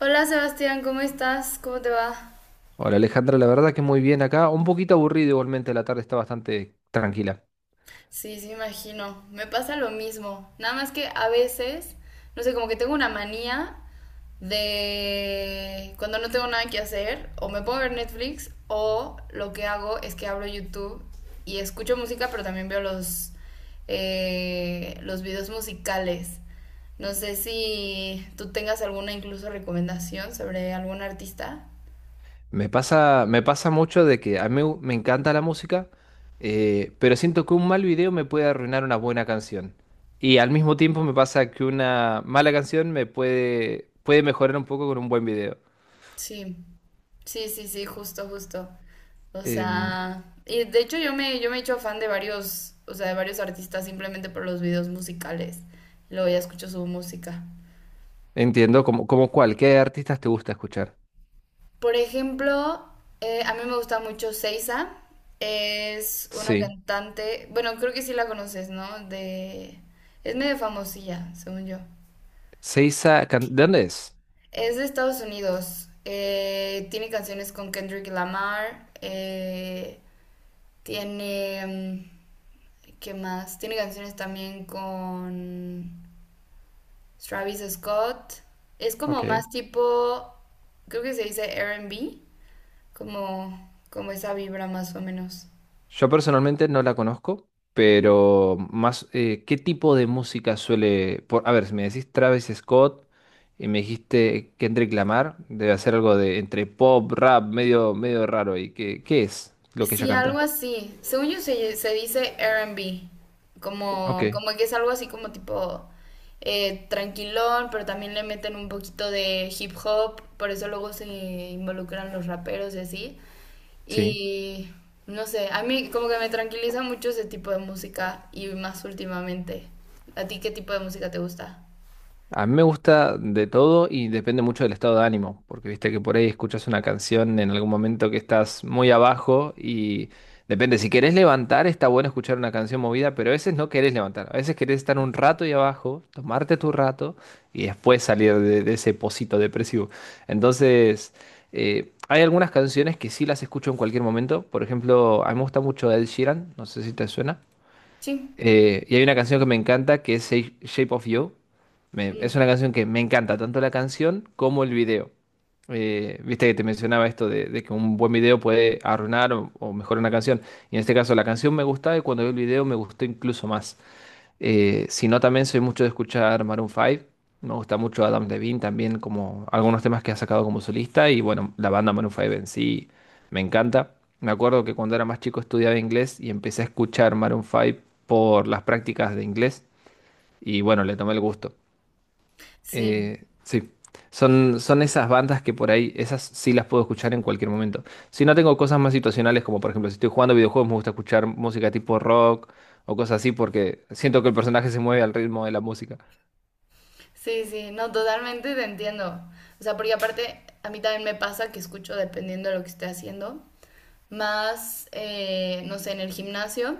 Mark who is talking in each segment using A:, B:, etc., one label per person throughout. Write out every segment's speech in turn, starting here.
A: Hola Sebastián, ¿cómo estás? ¿Cómo te va?
B: Hola Alejandra, la verdad que muy bien acá, un poquito aburrido igualmente, la tarde está bastante tranquila.
A: Sí, sí, me imagino. Me pasa lo mismo. Nada más que a veces, no sé, como que tengo una manía de cuando no tengo nada que hacer, o me pongo a ver Netflix, o lo que hago es que abro YouTube y escucho música, pero también veo los videos musicales. No sé si tú tengas alguna incluso recomendación sobre algún artista.
B: Me pasa mucho de que a mí me encanta la música, pero siento que un mal video me puede arruinar una buena canción. Y al mismo tiempo me pasa que una mala canción me puede mejorar un poco con un buen video.
A: Sí. Sí, sí, sí, justo, justo. O
B: Em,
A: sea, y de hecho yo me he hecho fan de varios, o sea, de varios artistas simplemente por los videos musicales. Luego ya escucho su música.
B: Entiendo, ¿como cuál? ¿Qué artistas te gusta escuchar?
A: Por ejemplo, a mí me gusta mucho Seiza. Es una
B: Sí.
A: cantante, bueno, creo que sí la conoces, ¿no? De, es medio famosilla, según yo.
B: Seiza, ¿de dónde es?
A: Es de Estados Unidos. Tiene canciones con Kendrick Lamar. Tiene... mm, ¿Qué más? Tiene canciones también con Travis Scott. Es como más
B: Ok.
A: tipo, creo que se dice R&B, como, como esa vibra más o menos.
B: Yo personalmente no la conozco,
A: Ujú.
B: pero más, ¿qué tipo de música suele? A ver, si me decís Travis Scott y me dijiste Kendrick Lamar, debe hacer algo de entre pop, rap, medio raro. ¿Y qué es lo que ella
A: Sí, algo
B: canta?
A: así. Según yo, se dice R&B, como,
B: Ok,
A: como que es algo así como tipo tranquilón, pero también le meten un poquito de hip hop, por eso luego se involucran los raperos y así.
B: sí.
A: Y no sé, a mí como que me tranquiliza mucho ese tipo de música y más últimamente. ¿A ti qué tipo de música te gusta?
B: A mí me gusta de todo y depende mucho del estado de ánimo, porque viste que por ahí escuchas una canción en algún momento que estás muy abajo y depende, si querés levantar está bueno escuchar una canción movida, pero a veces no querés levantar, a veces querés estar un rato ahí abajo, tomarte tu rato y después salir de ese pocito depresivo. Entonces, hay algunas canciones que sí las escucho en cualquier momento, por ejemplo, a mí me gusta mucho Ed Sheeran, no sé si te suena.
A: Sí.
B: Y hay una canción que me encanta que es Shape of You. Es
A: Mm.
B: una canción que me encanta, tanto la canción como el video. Viste que te mencionaba esto de que un buen video puede arruinar o mejorar una canción. Y en este caso la canción me gustaba y cuando vi el video me gustó incluso más. Si no, también soy mucho de escuchar Maroon 5. Me gusta mucho Adam Levine también, como algunos temas que ha sacado como solista. Y bueno, la banda Maroon 5 en sí me encanta. Me acuerdo que cuando era más chico estudiaba inglés y empecé a escuchar Maroon 5 por las prácticas de inglés. Y bueno, le tomé el gusto.
A: Sí,
B: Sí, son esas bandas que por ahí, esas sí las puedo escuchar en cualquier momento. Si no, tengo cosas más situacionales, como por ejemplo, si estoy jugando videojuegos, me gusta escuchar música tipo rock o cosas así, porque siento que el personaje se mueve al ritmo de la música.
A: sí, sí, no, totalmente te entiendo. O sea, porque aparte a mí también me pasa que escucho dependiendo de lo que esté haciendo, más, no sé, en el gimnasio.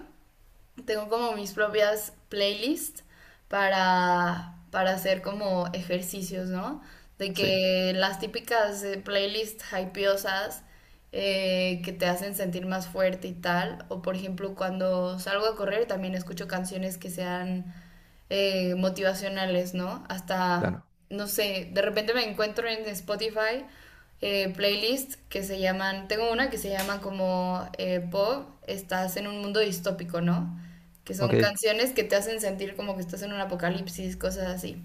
A: Tengo como mis propias playlists para hacer como ejercicios, ¿no? De
B: Sí,
A: que las típicas playlists hypeosas que te hacen sentir más fuerte y tal, o por ejemplo cuando salgo a correr también escucho canciones que sean motivacionales, ¿no? Hasta,
B: claro.
A: no sé, de repente me encuentro en Spotify playlists que se llaman, tengo una que se llama como Bob, estás en un mundo distópico, ¿no? Que son
B: Ok.
A: canciones que te hacen sentir como que estás en un apocalipsis, cosas así.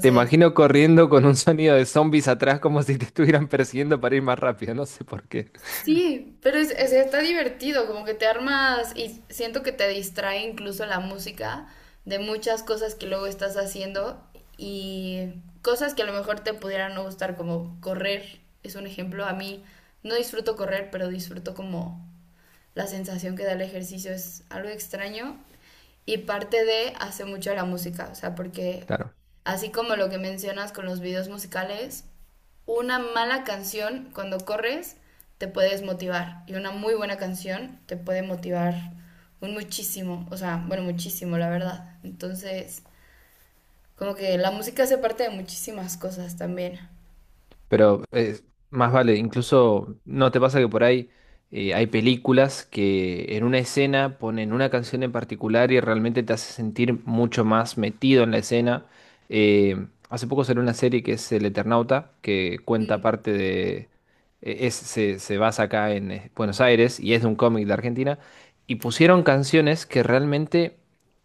B: Te imagino corriendo con un sonido de zombies atrás como si te estuvieran persiguiendo para ir más rápido, no sé por qué.
A: sí, pero está divertido, como que te armas y siento que te distrae incluso la música de muchas cosas que luego estás haciendo y cosas que a lo mejor te pudieran no gustar, como correr, es un ejemplo. A mí no disfruto correr, pero disfruto como la sensación que da el ejercicio es algo extraño y parte de hace mucho la música, o sea, porque
B: Claro.
A: así como lo que mencionas con los videos musicales, una mala canción cuando corres te puede desmotivar y una muy buena canción te puede motivar un muchísimo, o sea, bueno, muchísimo, la verdad. Entonces, como que la música hace parte de muchísimas cosas también.
B: Pero más vale, incluso no te pasa que por ahí hay películas que en una escena ponen una canción en particular y realmente te hace sentir mucho más metido en la escena. Hace poco salió una serie que es El Eternauta, que cuenta
A: Mm,
B: parte de se basa acá en Buenos Aires y es de un cómic de Argentina. Y pusieron canciones que realmente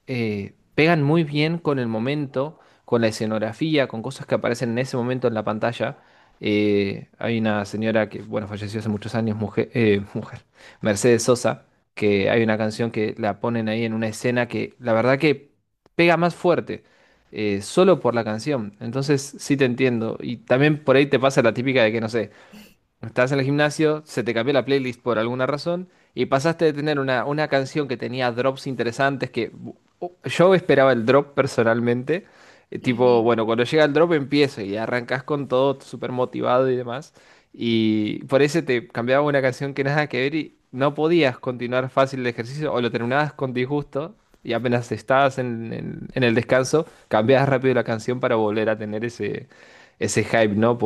B: pegan muy bien con el momento, con la escenografía, con cosas que aparecen en ese momento en la pantalla. Hay una señora que, bueno, falleció hace muchos años, mujer, mujer, Mercedes Sosa, que hay una canción que la ponen ahí en una escena que la verdad que pega más fuerte, solo por la canción. Entonces sí te entiendo. Y también por ahí te pasa la típica de que, no sé, estás en el gimnasio, se te cambió la playlist por alguna razón y pasaste de tener una canción que tenía drops interesantes que yo esperaba el drop personalmente. Tipo,
A: ujú.
B: bueno, cuando llega el drop empiezo y arrancas con todo súper motivado y demás. Y por eso te cambiaba una canción que nada que ver y no podías continuar fácil el ejercicio o lo terminabas con disgusto y apenas en el descanso, cambiabas rápido la canción para volver a tener ese, ese hype, ¿no?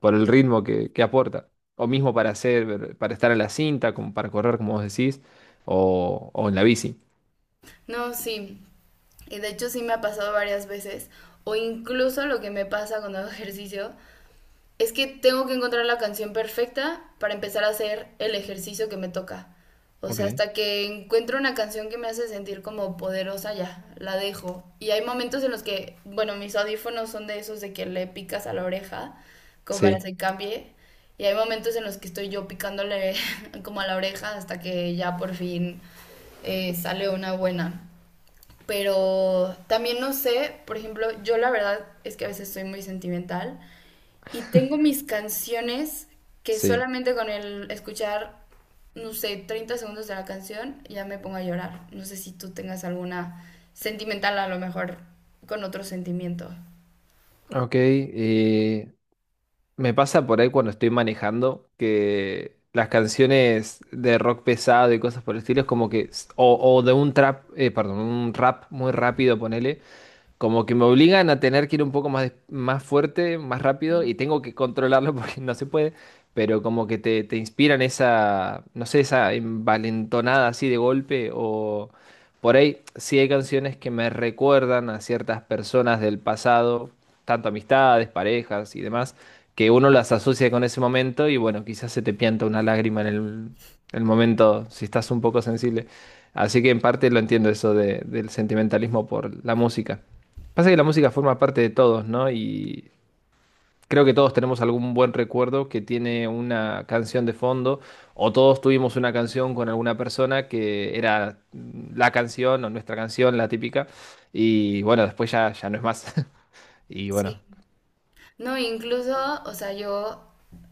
B: Por el ritmo que aporta. O mismo para hacer, para estar en la cinta, como para correr, como vos decís, o en la bici.
A: No, sí. Y de hecho sí me ha pasado varias veces. O incluso lo que me pasa cuando hago ejercicio es que tengo que encontrar la canción perfecta para empezar a hacer el ejercicio que me toca. O sea,
B: Ok.
A: hasta que encuentro una canción que me hace sentir como poderosa, ya, la dejo. Y hay momentos en los que, bueno, mis audífonos son de esos de que le picas a la oreja, como para que
B: Sí,
A: se cambie. Y hay momentos en los que estoy yo picándole como a la oreja hasta que ya por fin sale una buena. Pero también no sé, por ejemplo, yo la verdad es que a veces soy muy sentimental y tengo mis canciones que
B: sí.
A: solamente con el escuchar, no sé, 30 segundos de la canción ya me pongo a llorar. No sé si tú tengas alguna sentimental a lo mejor con otro sentimiento.
B: Ok, me pasa por ahí cuando estoy manejando que las canciones de rock pesado y cosas por el estilo es como que, o de un trap, perdón, un rap muy rápido, ponele, como que me obligan a tener que ir un poco más, más fuerte, más rápido
A: Mm.
B: y tengo que controlarlo porque no se puede, pero como que te inspiran esa, no sé, esa envalentonada así de golpe o por ahí sí hay canciones que me recuerdan a ciertas personas del pasado, tanto amistades, parejas y demás, que uno las asocia con ese momento y bueno, quizás se te pianta una lágrima en el momento si estás un poco sensible. Así que en parte lo entiendo eso del sentimentalismo por la música. Pasa que la música forma parte de todos, ¿no? Y creo que todos tenemos algún buen recuerdo que tiene una canción de fondo, o todos tuvimos una canción con alguna persona que era mm, la canción o nuestra canción, la típica, y bueno, después ya no es más. Y bueno,
A: Sí. No, incluso, o sea, yo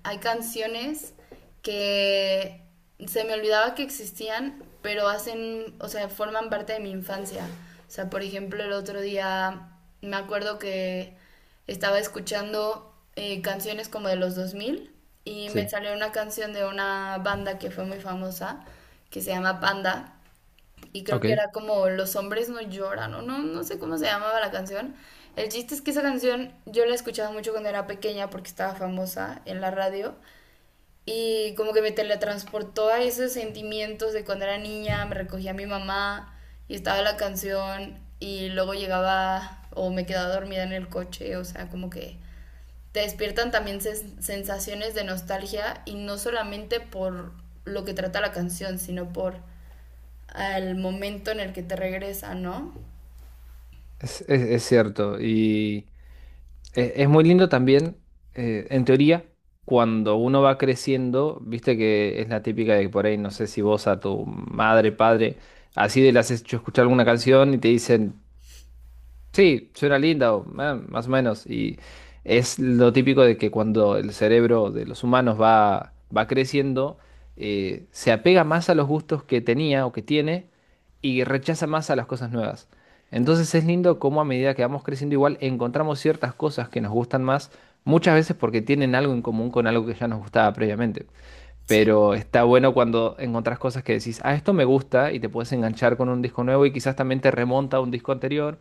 A: hay canciones que se me olvidaba que existían, pero hacen, o sea, forman parte de mi infancia. O sea, por ejemplo, el otro día me acuerdo que estaba escuchando canciones como de los 2000 y me
B: sí,
A: salió una canción de una banda que fue muy famosa, que se llama Panda. Y creo
B: ok,
A: que era como Los hombres no lloran, o no, no sé cómo se llamaba la canción. El chiste es que esa canción yo la escuchaba mucho cuando era pequeña porque estaba famosa en la radio. Y como que me teletransportó a esos sentimientos de cuando era niña, me recogía mi mamá y estaba la canción y luego llegaba o me quedaba dormida en el coche, o sea, como que te despiertan también sensaciones de nostalgia y no solamente por lo que trata la canción, sino por al momento en el que te regresa, ¿no?
B: es cierto. Es muy lindo también, en teoría, cuando uno va creciendo, viste que es la típica de que por ahí, no sé si vos a tu madre, padre, así de le has hecho escuchar alguna canción y te dicen, sí, suena linda, o, más o menos. Y es lo típico de que cuando el cerebro de los humanos va creciendo, se apega más a los gustos que tenía o que tiene y rechaza más a las cosas nuevas. Entonces es lindo cómo a medida que vamos creciendo igual encontramos ciertas cosas que nos gustan más, muchas veces porque tienen algo en común con algo que ya nos gustaba previamente.
A: Sí,
B: Pero está bueno cuando encontrás cosas que decís, ah, esto me gusta y te puedes enganchar con un disco nuevo y quizás también te remonta a un disco anterior.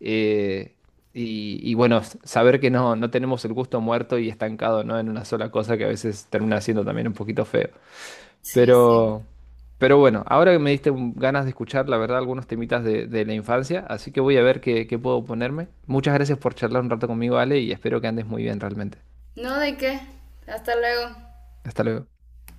B: Eh, y bueno, saber que no, no tenemos el gusto muerto y estancado, ¿no? En una sola cosa que a veces termina siendo también un poquito feo.
A: sí, sí.
B: Pero, pero bueno, ahora que me diste ganas de escuchar, la verdad, algunos temitas de la infancia, así que voy a ver qué puedo ponerme. Muchas gracias por charlar un rato conmigo, Ale, y espero que andes muy bien realmente.
A: No, ¿de qué? Hasta luego.
B: Hasta luego.